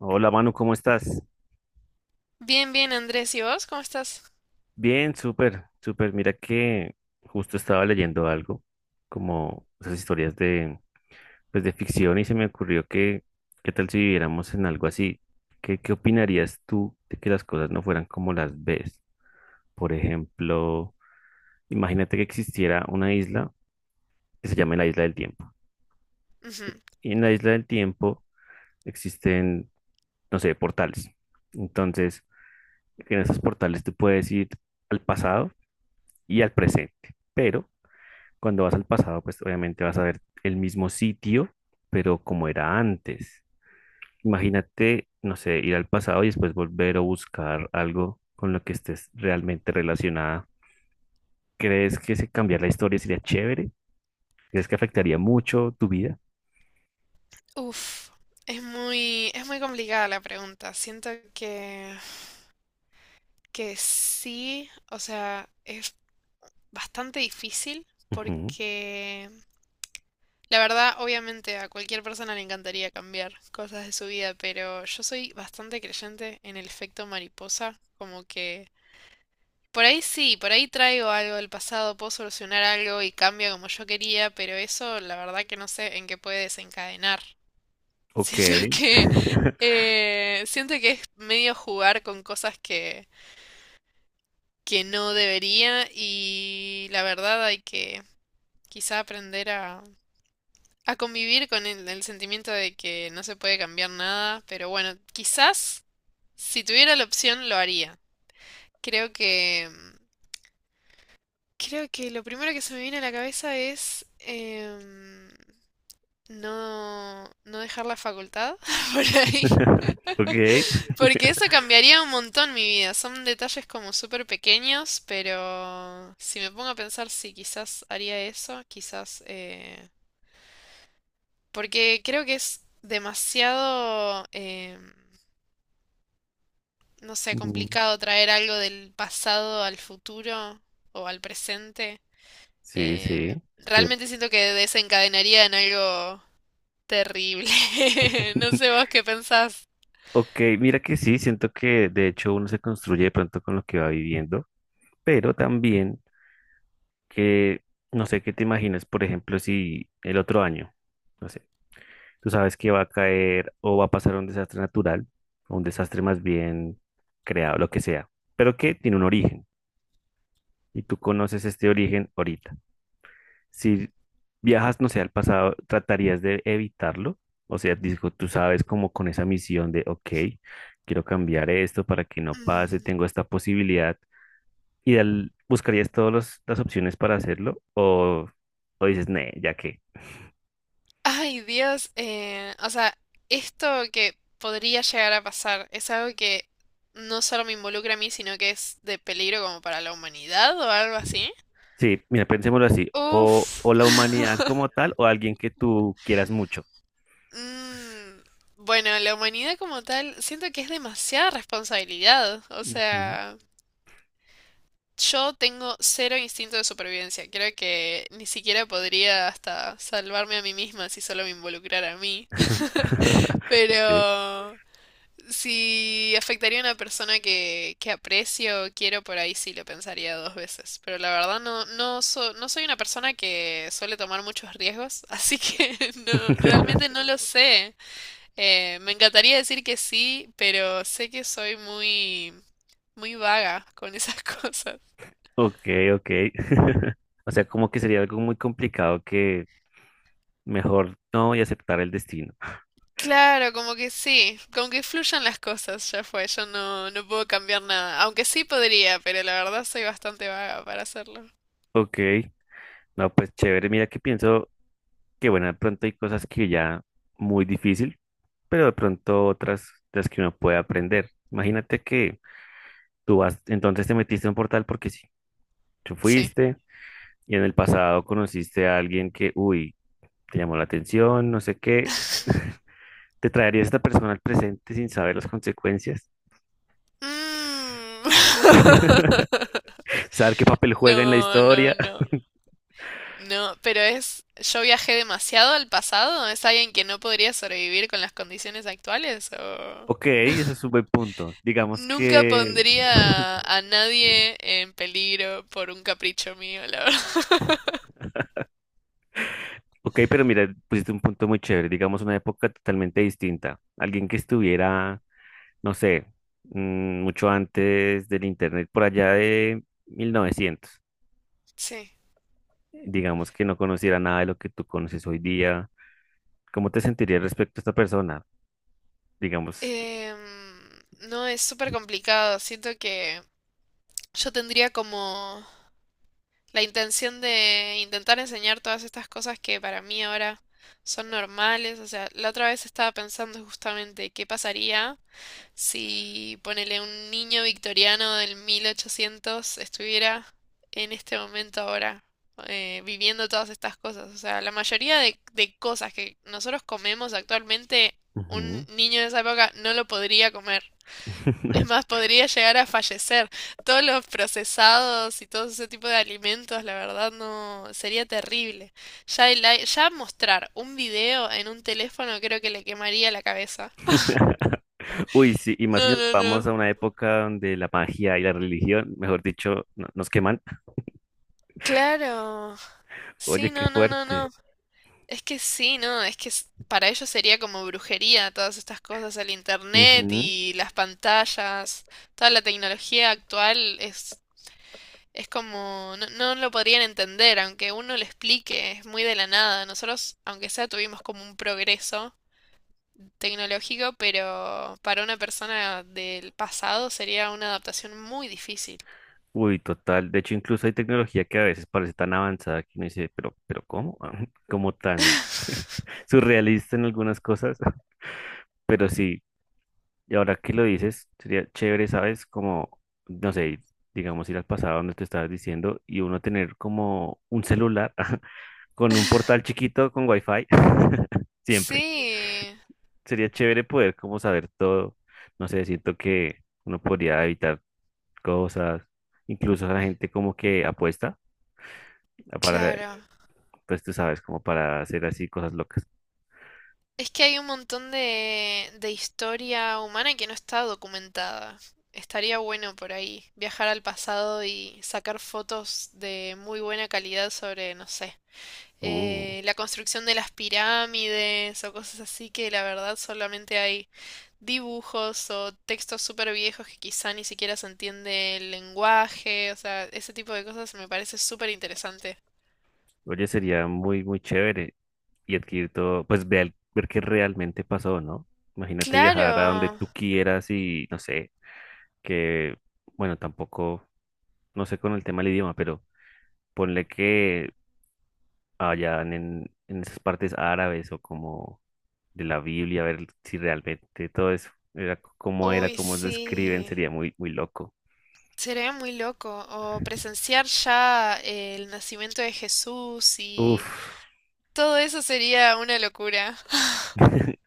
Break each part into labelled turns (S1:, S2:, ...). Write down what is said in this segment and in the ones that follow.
S1: Hola Manu, ¿cómo estás?
S2: Bien, bien, Andrés. ¿Y vos? ¿Cómo estás?
S1: Bien, súper, súper. Mira que justo estaba leyendo algo, como esas historias pues de ficción y se me ocurrió que, ¿qué tal si viviéramos en algo así? ¿Qué opinarías tú de que las cosas no fueran como las ves? Por ejemplo, imagínate que existiera una isla que se llame la Isla del Tiempo. Y en la Isla del Tiempo existen, no sé, portales. Entonces, en esos portales tú puedes ir al pasado y al presente. Pero cuando vas al pasado, pues obviamente vas a ver el mismo sitio, pero como era antes. Imagínate, no sé, ir al pasado y después volver o buscar algo con lo que estés realmente relacionada. ¿Crees que si cambiar la historia sería chévere? ¿Crees que afectaría mucho tu vida?
S2: Ujú. Uf, es muy complicada la pregunta. Siento que sí, o sea, es bastante difícil
S1: Ujú.
S2: porque la verdad, obviamente a cualquier persona le encantaría cambiar cosas de su vida, pero yo soy bastante creyente en el efecto mariposa, como que por ahí sí, por ahí traigo algo del pasado, puedo solucionar algo y cambia como yo quería, pero eso la verdad que no sé en qué puede desencadenar.
S1: Ok.
S2: Siento que siento que es medio jugar con cosas que no debería y la verdad hay que quizá aprender a convivir con el sentimiento de que no se puede cambiar nada, pero bueno, quizás si tuviera la opción lo haría. Creo que creo que lo primero que se me viene a la cabeza es no dejar la facultad por ahí,
S1: Ok.
S2: porque eso cambiaría un montón mi vida. Son detalles como súper pequeños, pero si me pongo a pensar sí quizás haría eso, quizás porque creo que es demasiado no sé,
S1: Mm,
S2: complicado traer algo del pasado al futuro o al presente.
S1: sí, sí. estoy-
S2: Realmente siento que desencadenaría en algo terrible. No sé vos qué pensás.
S1: Ok, mira que sí, siento que de hecho uno se construye de pronto con lo que va viviendo, pero también que, no sé qué te imaginas, por ejemplo, si el otro año, no sé, tú sabes que va a caer o va a pasar un desastre natural, o un desastre más bien creado, lo que sea, pero que tiene un origen y tú conoces este origen ahorita. Si viajas, no sé, al pasado, tratarías de evitarlo, o sea, digo, tú sabes como con esa misión de, ok, quiero cambiar esto para que no pase,
S2: Mm.
S1: tengo esta posibilidad ideal, ¿buscarías todas las opciones para hacerlo? ¿O dices, nee, ya que?
S2: Ay, Dios. O sea, esto que podría llegar a pasar es algo que no solo me involucra a mí, sino que es de peligro como para la humanidad o algo así.
S1: Sí, mira, pensémoslo así. O,
S2: Uf.
S1: o la humanidad como tal, o alguien que tú quieras mucho.
S2: Mm, bueno, la humanidad como tal, siento que es demasiada responsabilidad. O
S1: Ujú.
S2: sea, yo tengo cero instinto de supervivencia. Creo que ni siquiera podría hasta salvarme a mí misma si solo me involucrara a mí.
S1: Ok.
S2: Pero si afectaría a una persona que aprecio o quiero, por ahí sí lo pensaría dos veces. Pero la verdad no, no, no soy una persona que suele tomar muchos riesgos, así que no, realmente no lo sé. Me encantaría decir que sí, pero sé que soy muy, muy vaga con esas cosas.
S1: Ok, ok. O sea, como que sería algo muy complicado que mejor no y aceptar el destino.
S2: Claro, como que sí, como que fluyan las cosas, ya fue, yo no puedo cambiar nada, aunque sí podría, pero la verdad soy bastante vaga para hacerlo.
S1: Ok, no, pues chévere. Mira que pienso que, bueno, de pronto hay cosas que ya muy difícil, pero de pronto otras las que uno puede aprender. Imagínate que tú vas, entonces te metiste en un portal porque sí, tú
S2: Sí.
S1: fuiste y en el pasado conociste a alguien que, uy, te llamó la atención, no sé qué. Te traería esta persona al presente sin saber las consecuencias,
S2: Mm.
S1: saber qué papel juega en la
S2: No, no,
S1: historia.
S2: no, no, pero yo viajé demasiado al pasado. ¿Es alguien que no podría sobrevivir con las condiciones actuales o...?
S1: Ok, eso es un buen punto. Digamos
S2: Nunca
S1: que,
S2: pondría a nadie en peligro por un capricho mío, la verdad.
S1: ok, pero mira, pusiste un punto muy chévere, digamos una época totalmente distinta. Alguien que estuviera, no sé, mucho antes del internet, por allá de 1900.
S2: Sí.
S1: Digamos que no conociera nada de lo que tú conoces hoy día, ¿cómo te sentirías respecto a esta persona? Digamos.
S2: Em, no, es súper complicado. Siento que yo tendría como la intención de intentar enseñar todas estas cosas que para mí ahora son normales. O sea, la otra vez estaba pensando justamente qué pasaría si ponele un niño victoriano del 1800 estuviera en este momento ahora viviendo todas estas cosas. O sea, la mayoría de cosas que nosotros comemos actualmente, un
S1: Ujú.
S2: niño de esa época no lo podría comer. Es más, podría llegar a fallecer. Todos los procesados y todo ese tipo de alimentos, la verdad, no sería terrible. Ya, ya mostrar un video en un teléfono creo que le quemaría la cabeza.
S1: Uy, sí, y más si
S2: No,
S1: nos
S2: no,
S1: vamos
S2: no.
S1: a una época donde la magia y la religión, mejor dicho, nos queman.
S2: Claro.
S1: Oye,
S2: Sí,
S1: qué
S2: no, no, no,
S1: fuerte.
S2: no. Es que sí, no, es que para ellos sería como brujería todas estas cosas, el internet
S1: Ujú.
S2: y las pantallas, toda la tecnología actual es como, no, no lo podrían entender, aunque uno lo explique, es muy de la nada. Nosotros, aunque sea, tuvimos como un progreso tecnológico, pero para una persona del pasado sería una adaptación muy difícil.
S1: Uy, total. De hecho, incluso hay tecnología que a veces parece tan avanzada que uno dice, pero ¿cómo? Como tan surrealista en algunas cosas. Pero sí. Y ahora que lo dices, sería chévere, ¿sabes? Como, no sé, digamos ir al pasado donde te estabas diciendo y uno tener como un celular con un portal chiquito con wifi. Siempre.
S2: Sí,
S1: Sería chévere poder como saber todo. No sé, siento que uno podría evitar cosas. Incluso la gente como que apuesta para,
S2: claro.
S1: pues tú sabes, como para hacer así cosas locas.
S2: Es que hay un montón de historia humana que no está documentada. Estaría bueno por ahí viajar al pasado y sacar fotos de muy buena calidad sobre, no sé,
S1: Uh.
S2: la construcción de las pirámides o cosas así que la verdad solamente hay dibujos o textos súper viejos que quizá ni siquiera se entiende el lenguaje. O sea, ese tipo de cosas me parece súper interesante.
S1: Oye, sería muy, muy chévere y adquirir todo, pues ver qué realmente pasó, ¿no? Imagínate viajar a donde
S2: Claro.
S1: tú quieras y no sé, que, bueno, tampoco, no sé con el tema del idioma, pero ponle que allá en esas partes árabes o como de la Biblia, ver si realmente todo eso era cómo era,
S2: Uy,
S1: cómo lo escriben,
S2: sí.
S1: sería muy, muy loco.
S2: Sería muy loco, o presenciar ya el nacimiento de Jesús y
S1: Uf,
S2: todo eso sería una locura.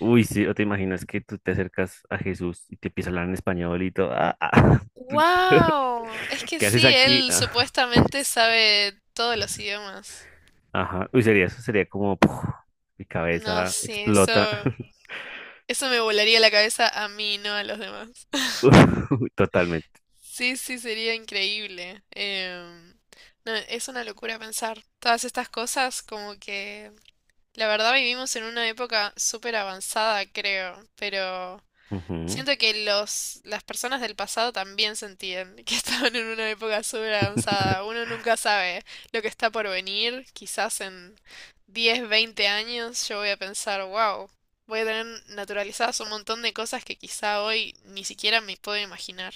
S1: uy, sí, o te imaginas que tú te acercas a Jesús y te empieza a hablar en español y todo. "Ah, ah,
S2: ¡Wow! Es que
S1: ¿qué haces
S2: sí,
S1: aquí?
S2: él
S1: Ah,
S2: supuestamente sabe todos los idiomas.
S1: ajá. Uy, sería eso, sería como puf, mi
S2: No,
S1: cabeza
S2: sí, eso,
S1: explota.
S2: eso me volaría la cabeza a mí, no a los demás.
S1: Uy, totalmente.
S2: Sí, sí, sería increíble. No, es una locura pensar todas estas cosas, como que la verdad vivimos en una época súper avanzada, creo, pero
S1: Ujú.
S2: siento que las personas del pasado también sentían que estaban en una época súper avanzada. Uno nunca sabe lo que está por venir. Quizás en 10 20 años yo voy a pensar, wow, voy a tener naturalizadas un montón de cosas que quizá hoy ni siquiera me puedo imaginar.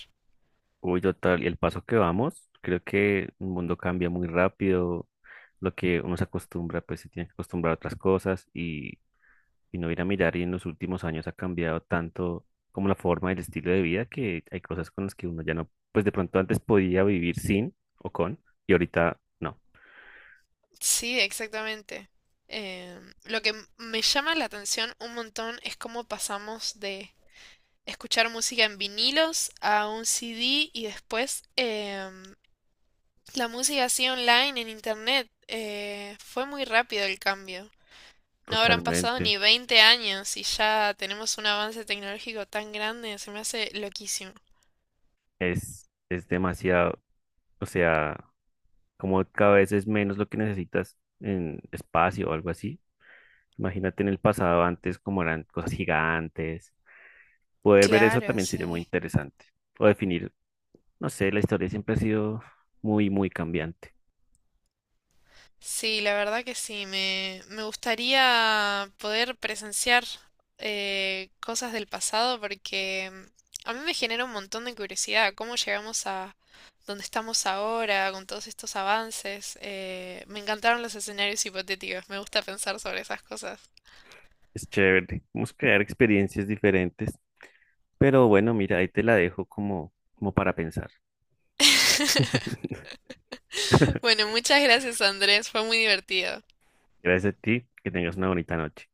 S1: Uy, total. Y el paso que vamos, creo que el mundo cambia muy rápido. Lo que uno se acostumbra, pues se tiene que acostumbrar a otras cosas y no ir a mirar y en los últimos años ha cambiado tanto como la forma y el estilo de vida que hay cosas con las que uno ya no, pues de pronto antes podía vivir sin o con y ahorita no,
S2: Sí, exactamente. Lo que me llama la atención un montón es cómo pasamos de escuchar música en vinilos a un CD y después, la música así online en internet, fue muy rápido el cambio. No habrán pasado
S1: totalmente.
S2: ni 20 años y ya tenemos un avance tecnológico tan grande, se me hace loquísimo.
S1: Es demasiado, o sea, como cada vez es menos lo que necesitas en espacio o algo así. Imagínate en el pasado antes como eran cosas gigantes. Poder ver eso
S2: Claro,
S1: también sería muy
S2: sí.
S1: interesante. O definir, no sé, la historia siempre ha sido muy, muy cambiante.
S2: Sí, la verdad que sí, me gustaría poder presenciar cosas del pasado porque a mí me genera un montón de curiosidad cómo llegamos a donde estamos ahora con todos estos avances. Me encantaron los escenarios hipotéticos, me gusta pensar sobre esas cosas.
S1: Es chévere. Vamos a crear experiencias diferentes. Pero bueno, mira, ahí te la dejo como, para pensar.
S2: Bueno, muchas gracias Andrés, fue muy divertido.
S1: Gracias a ti. Que tengas una bonita noche.